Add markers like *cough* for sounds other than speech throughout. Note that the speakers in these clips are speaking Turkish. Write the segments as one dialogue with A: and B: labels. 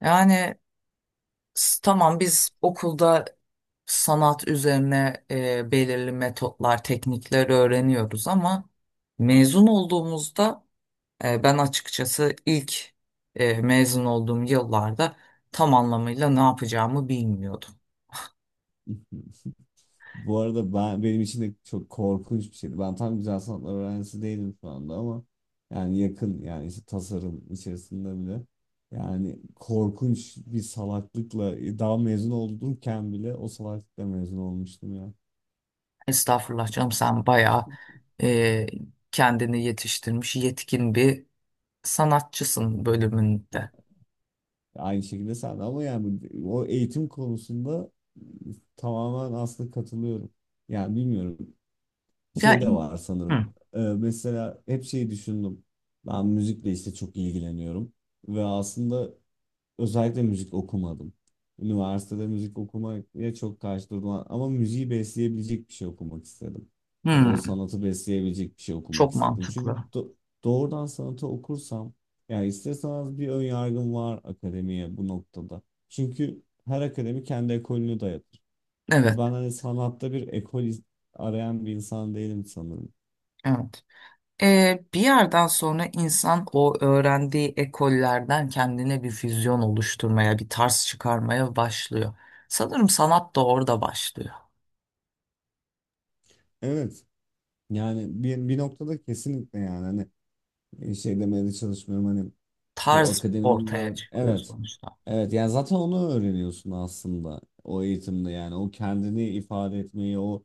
A: Yani tamam biz okulda sanat üzerine belirli metotlar, teknikler öğreniyoruz ama mezun olduğumuzda ben açıkçası ilk mezun olduğum yıllarda tam anlamıyla ne yapacağımı bilmiyordum.
B: *laughs* Bu arada ben benim için de çok korkunç bir şeydi. Ben tam güzel sanatlar öğrencisi değilim şu anda ama yani yakın, işte tasarım içerisinde bile yani korkunç bir salaklıkla daha mezun olurken bile o salaklıkla mezun olmuştum ya.
A: Estağfurullah canım, sen bayağı e, kendini yetiştirmiş yetkin bir sanatçısın bölümünde.
B: Aynı şekilde sen de, ama yani o eğitim konusunda tamamen aslında katılıyorum. Yani bilmiyorum,
A: Ya,
B: şey de var sanırım.
A: hı,
B: Mesela hep şeyi düşündüm. Ben müzikle işte çok ilgileniyorum. Ve aslında özellikle müzik okumadım. Üniversitede müzik okumaya çok karşı durdum ama müziği besleyebilecek bir şey okumak istedim. Ya da o
A: hı,
B: sanatı besleyebilecek bir şey okumak
A: çok
B: istedim.
A: mantıklı.
B: Doğrudan sanatı okursam, yani isterseniz, bir ön yargım var akademiye bu noktada. Çünkü her akademi kendi ekolünü dayatır. Ve
A: Evet.
B: ben hani sanatta arayan bir insan değilim sanırım.
A: Evet. Bir yerden sonra insan o öğrendiği ekollerden kendine bir füzyon oluşturmaya, bir tarz çıkarmaya başlıyor. Sanırım sanat da orada başlıyor.
B: Evet. Yani bir noktada kesinlikle, yani hani şey demeye de çalışmıyorum, hani bu
A: Tarz
B: akademinin
A: ortaya
B: ver,
A: çıkıyor
B: evet.
A: sonuçta.
B: Evet, yani zaten onu öğreniyorsun aslında, o eğitimde yani, o kendini ifade etmeyi, o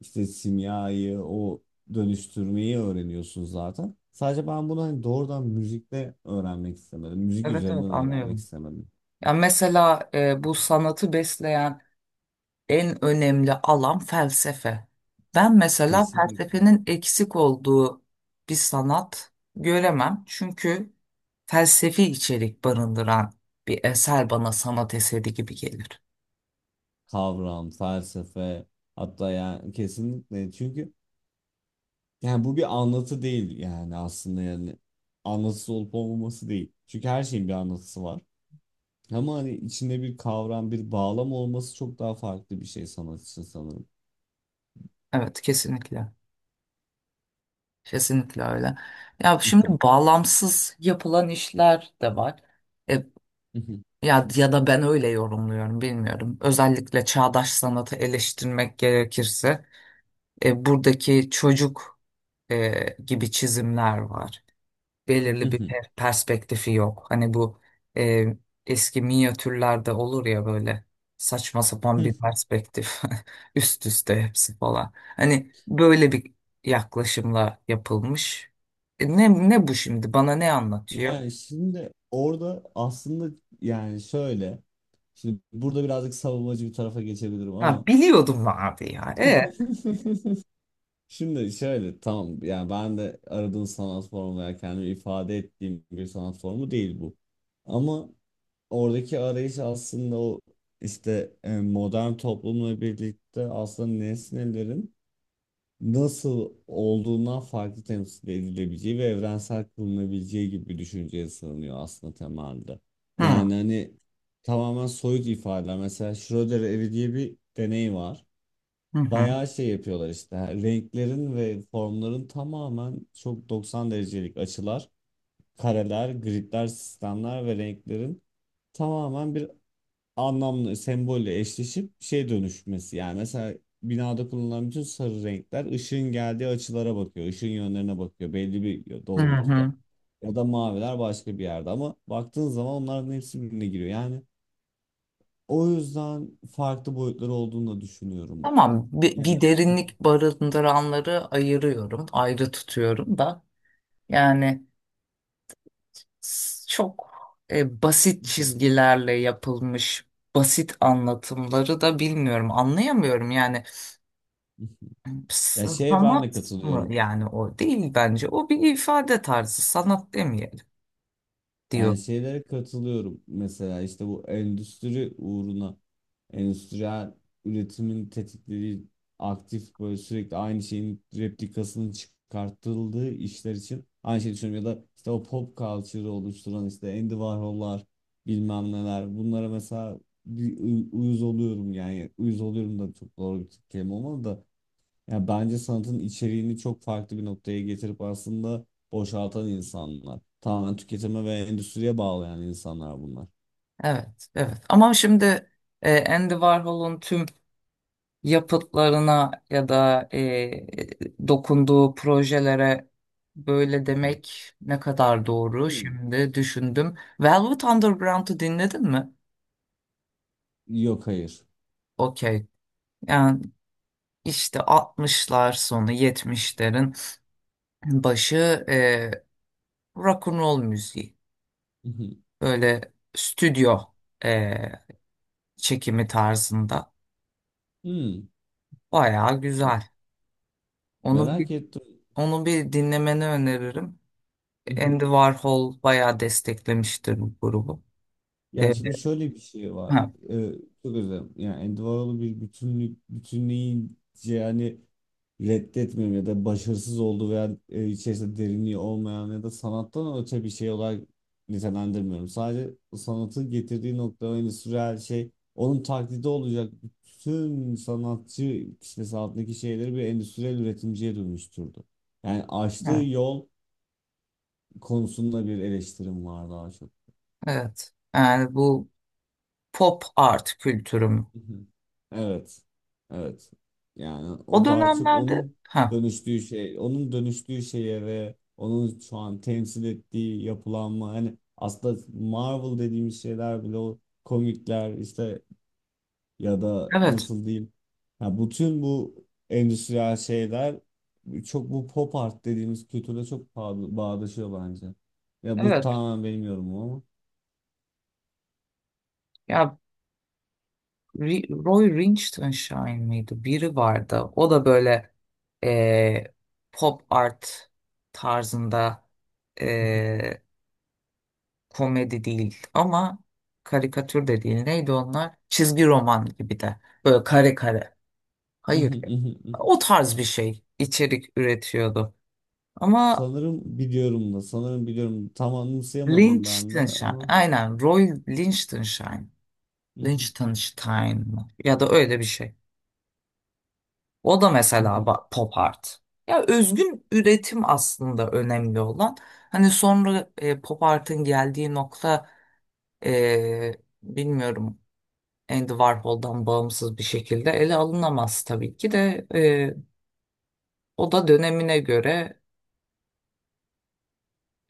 B: işte simyayı, o dönüştürmeyi öğreniyorsun zaten. Sadece ben bunu hani doğrudan müzikle öğrenmek istemedim. Müzik
A: Evet, evet,
B: üzerinden öğrenmek
A: anlıyorum.
B: istemedim.
A: Ya mesela bu sanatı besleyen en önemli alan felsefe. Ben mesela
B: Kesinlikle.
A: felsefenin eksik olduğu bir sanat göremem. Çünkü felsefi içerik barındıran bir eser bana sanat eseri gibi gelir.
B: Kavram, felsefe, hatta yani kesinlikle, çünkü yani bu bir anlatı değil yani, aslında yani anlatısı olup olmaması değil. Çünkü her şeyin bir anlatısı var. Ama hani içinde bir kavram, bir bağlam olması çok daha farklı bir şey sanat için sanırım.
A: Evet, kesinlikle. Kesinlikle öyle. Ya şimdi bağlamsız yapılan işler de var. E, Ya, ya da ben öyle yorumluyorum, bilmiyorum. Özellikle çağdaş sanatı eleştirmek gerekirse buradaki çocuk gibi çizimler var. Belirli bir
B: *laughs*
A: perspektifi yok. Hani bu e, eski minyatürlerde olur ya, böyle saçma sapan bir perspektif *laughs* üst üste hepsi falan. Hani böyle bir yaklaşımla yapılmış. Ne ne bu şimdi? Bana ne anlatıyor?
B: Yani şimdi orada aslında yani şöyle, şimdi burada birazcık savunmacı bir tarafa geçebilirim
A: Ha,
B: ama
A: biliyordum abi ya.
B: *laughs* şimdi şöyle, tamam, yani ben de aradığım sanat formu veya kendimi ifade ettiğim bir sanat formu değil bu. Ama oradaki arayış aslında o işte, modern toplumla birlikte aslında nesnelerin nasıl olduğundan farklı temsil edilebileceği ve evrensel kılınabileceği gibi bir düşünceye sığınıyor aslında temelde. Yani
A: Hı,
B: hani tamamen soyut ifadeler. Mesela Schrödinger evi diye bir deney var.
A: hı hı,
B: Bayağı şey yapıyorlar işte. Yani renklerin ve formların tamamen, çok 90 derecelik açılar, kareler, gridler, sistemler ve renklerin tamamen bir anlamlı sembolle eşleşip şey dönüşmesi. Yani mesela binada kullanılan bütün sarı renkler ışığın geldiği açılara bakıyor, ışığın yönlerine bakıyor belli bir
A: hı
B: doğrultuda.
A: hı.
B: Ya da maviler başka bir yerde ama baktığın zaman onların hepsi birbirine giriyor. Yani o yüzden farklı boyutları olduğunu da düşünüyorum.
A: Tamam, bir,
B: Yani
A: bir derinlik barındıranları ayırıyorum. Ayrı tutuyorum da. Yani çok basit çizgilerle yapılmış basit anlatımları da bilmiyorum. Anlayamıyorum yani.
B: *laughs*
A: s-
B: ya şeye ben de
A: sanat mı
B: katılıyorum.
A: yani, o değil bence. O bir ifade tarzı, sanat demeyelim diyor.
B: Yani şeylere katılıyorum mesela işte, bu endüstri uğruna endüstriyel üretimin tetiklediği aktif, böyle sürekli aynı şeyin replikasının çıkartıldığı işler için aynı şeyi düşünüyorum. Ya da işte o pop culture'ı oluşturan işte Andy Warhol'lar, bilmem neler, bunlara mesela uyuz oluyorum, yani uyuz oluyorum da çok doğru bir kelime olmadı da, yani bence sanatın içeriğini çok farklı bir noktaya getirip aslında boşaltan insanlar. Tamamen tüketime ve endüstriye bağlayan insanlar bunlar.
A: Evet, evet, ama şimdi Andy Warhol'un tüm yapıtlarına ya da dokunduğu projelere böyle
B: Hı.
A: demek ne kadar doğru,
B: Hmm.
A: şimdi düşündüm. Velvet Underground'u dinledin mi?
B: Yok, hayır.
A: Okey. Yani işte 60'lar sonu 70'lerin başı e, rock and roll müziği.
B: Hı hı.
A: Böyle stüdyo e, çekimi tarzında.
B: Hmm.
A: Bayağı
B: Me-
A: güzel. Onu bir,
B: Merak ettim.
A: onu bir dinlemeni öneririm.
B: Hı hı.
A: Andy Warhol bayağı desteklemiştir bu grubu.
B: Ya
A: E,
B: şimdi şöyle bir şey var.
A: ha,
B: Ee, çok özür dilerim. Yani Andy Warhol'u bir bütünlük, bütünleyici yani reddetmiyorum ya da başarısız olduğu veya içerisinde derinliği olmayan ya da sanattan öte bir şey olarak nitelendirmiyorum. Sadece sanatı getirdiği nokta ve endüstriyel şey, onun taklidi olacak bütün sanatçı kitlesi altındaki şeyleri bir endüstriyel üretimciye dönüştürdü. Yani açtığı
A: evet.
B: yol konusunda bir eleştirim var daha çok.
A: Evet. Yani bu pop art kültürüm.
B: Hı hı. Evet. Evet. Yani
A: O
B: o daha çok
A: dönemlerde,
B: onun
A: ha,
B: dönüştüğü şey, onun dönüştüğü şeye ve onun şu an temsil ettiği yapılanma, hani aslında Marvel dediğimiz şeyler bile o komikler işte, ya da
A: evet,
B: nasıl diyeyim, ya bütün bu endüstriyel şeyler çok bu pop art dediğimiz kültüre çok bağdaşıyor bence. Ya bu
A: evet.
B: tamamen benim yorumum ama.
A: Ya Roy Lichtenstein miydi? Biri vardı. O da böyle e, pop art tarzında e, komedi değil ama karikatür de değil. Neydi onlar? Çizgi roman gibi de. Böyle kare kare. Hayır.
B: *laughs*
A: O tarz bir şey içerik üretiyordu. Ama
B: Sanırım biliyorum da, sanırım biliyorum. Tam anımsayamadım ben de
A: Liechtenstein,
B: ama.
A: aynen, Roy Liechtenstein,
B: Hı hı,
A: Liechtenstein mı? Ya da öyle bir şey. O da
B: hı
A: mesela
B: hı.
A: pop art. Ya özgün üretim aslında önemli olan. Hani sonra pop art'ın geldiği nokta e, bilmiyorum, Andy Warhol'dan bağımsız bir şekilde ele alınamaz tabii ki de, o da dönemine göre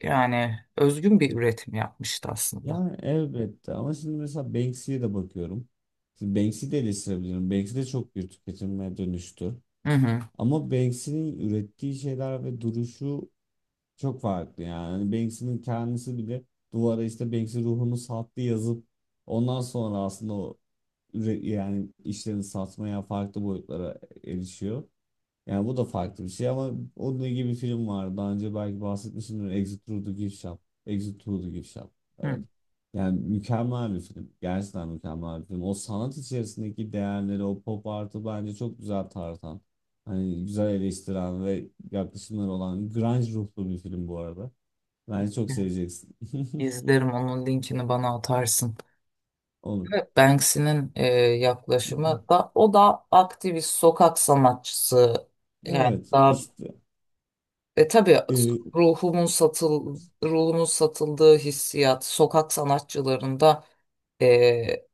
A: yani özgün bir üretim yapmıştı aslında.
B: Yani elbette, ama şimdi mesela Banksy'ye de bakıyorum. Şimdi Banksy'yi de eleştirebilirim. Banksy de çok bir tüketilmeye dönüştü.
A: Hı hı.
B: Ama Banksy'nin ürettiği şeyler ve duruşu çok farklı yani. Hani Banksy'nin kendisi bile duvara işte "Banksy ruhunu sattı" yazıp ondan sonra aslında yani işlerini satmaya, farklı boyutlara erişiyor. Yani bu da farklı bir şey ama onun gibi bir film vardı. Daha önce belki bahsetmişimdir. Exit Through the Gift Shop. Exit Through the Gift Shop.
A: Hı.
B: Evet. Yani mükemmel bir film. Gerçekten mükemmel bir film. O sanat içerisindeki değerleri, o pop artı bence çok güzel tartan. Hani güzel eleştiren ve yaklaşımları olan grunge ruhlu bir film bu arada. Bence çok seveceksin. *laughs*
A: İzlerim, onun linkini bana atarsın.
B: Olur.
A: Evet, Banksy'nin yaklaşımı
B: *laughs*
A: da, o da aktivist sokak sanatçısı yani
B: Evet,
A: daha
B: işte.
A: tabii,
B: e,
A: ruhumun satıldığı hissiyat sokak sanatçılarında e,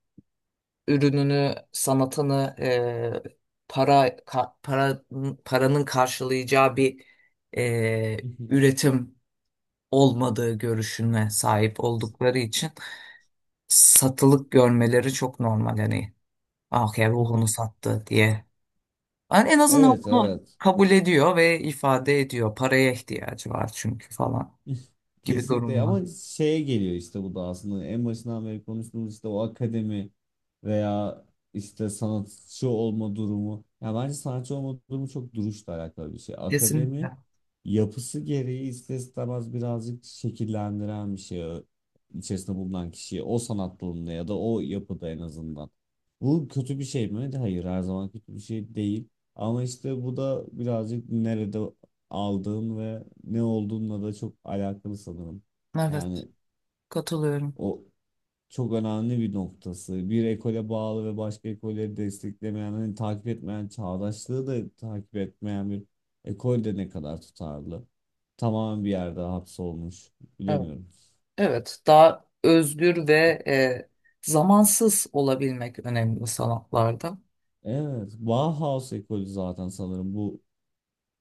A: ürününü, sanatını paranın karşılayacağı bir e,
B: *laughs*
A: üretim olmadığı görüşüne sahip oldukları için satılık görmeleri çok normal, hani ah ya, ruhunu sattı diye. Yani en azından
B: Evet,
A: bunu
B: evet.
A: kabul ediyor ve ifade ediyor. Paraya ihtiyacı var çünkü falan
B: *laughs*
A: gibi
B: Kesinlikle,
A: durumlar.
B: ama şeye geliyor işte, bu da aslında en başından beri konuştuğumuz işte o akademi veya işte sanatçı olma durumu. Ya bence sanatçı olma durumu çok duruşla alakalı bir şey. Akademi
A: Kesinlikle.
B: yapısı gereği ister istemez birazcık şekillendiren bir içerisinde bulunan kişiyi o sanat dalında ya da o yapıda en azından. Bu kötü bir şey mi? Hayır, her zaman kötü bir şey değil. Ama işte bu da birazcık nerede aldığın ve ne olduğunla da çok alakalı sanırım.
A: Evet,
B: Yani
A: katılıyorum.
B: o çok önemli bir noktası. Bir ekole bağlı ve başka ekolleri desteklemeyen, hani takip etmeyen, çağdaşlığı da takip etmeyen bir ekol de ne kadar tutarlı. Tamamen bir yerde hapsolmuş.
A: Evet.
B: Bilemiyorum.
A: Evet, daha özgür ve zamansız olabilmek önemli sanatlarda.
B: Evet, Bauhaus ekolü zaten sanırım bu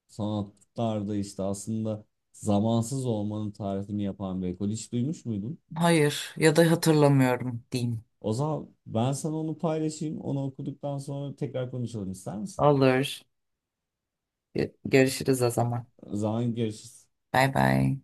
B: sanatlarda işte aslında zamansız olmanın tarifini yapan bir ekol. Hiç duymuş muydun?
A: Hayır, ya da hatırlamıyorum diyeyim.
B: O zaman ben sana onu paylaşayım. Onu okuduktan sonra tekrar konuşalım ister misin?
A: Olur. Görüşürüz o zaman.
B: O zaman görüşürüz.
A: Bay bay.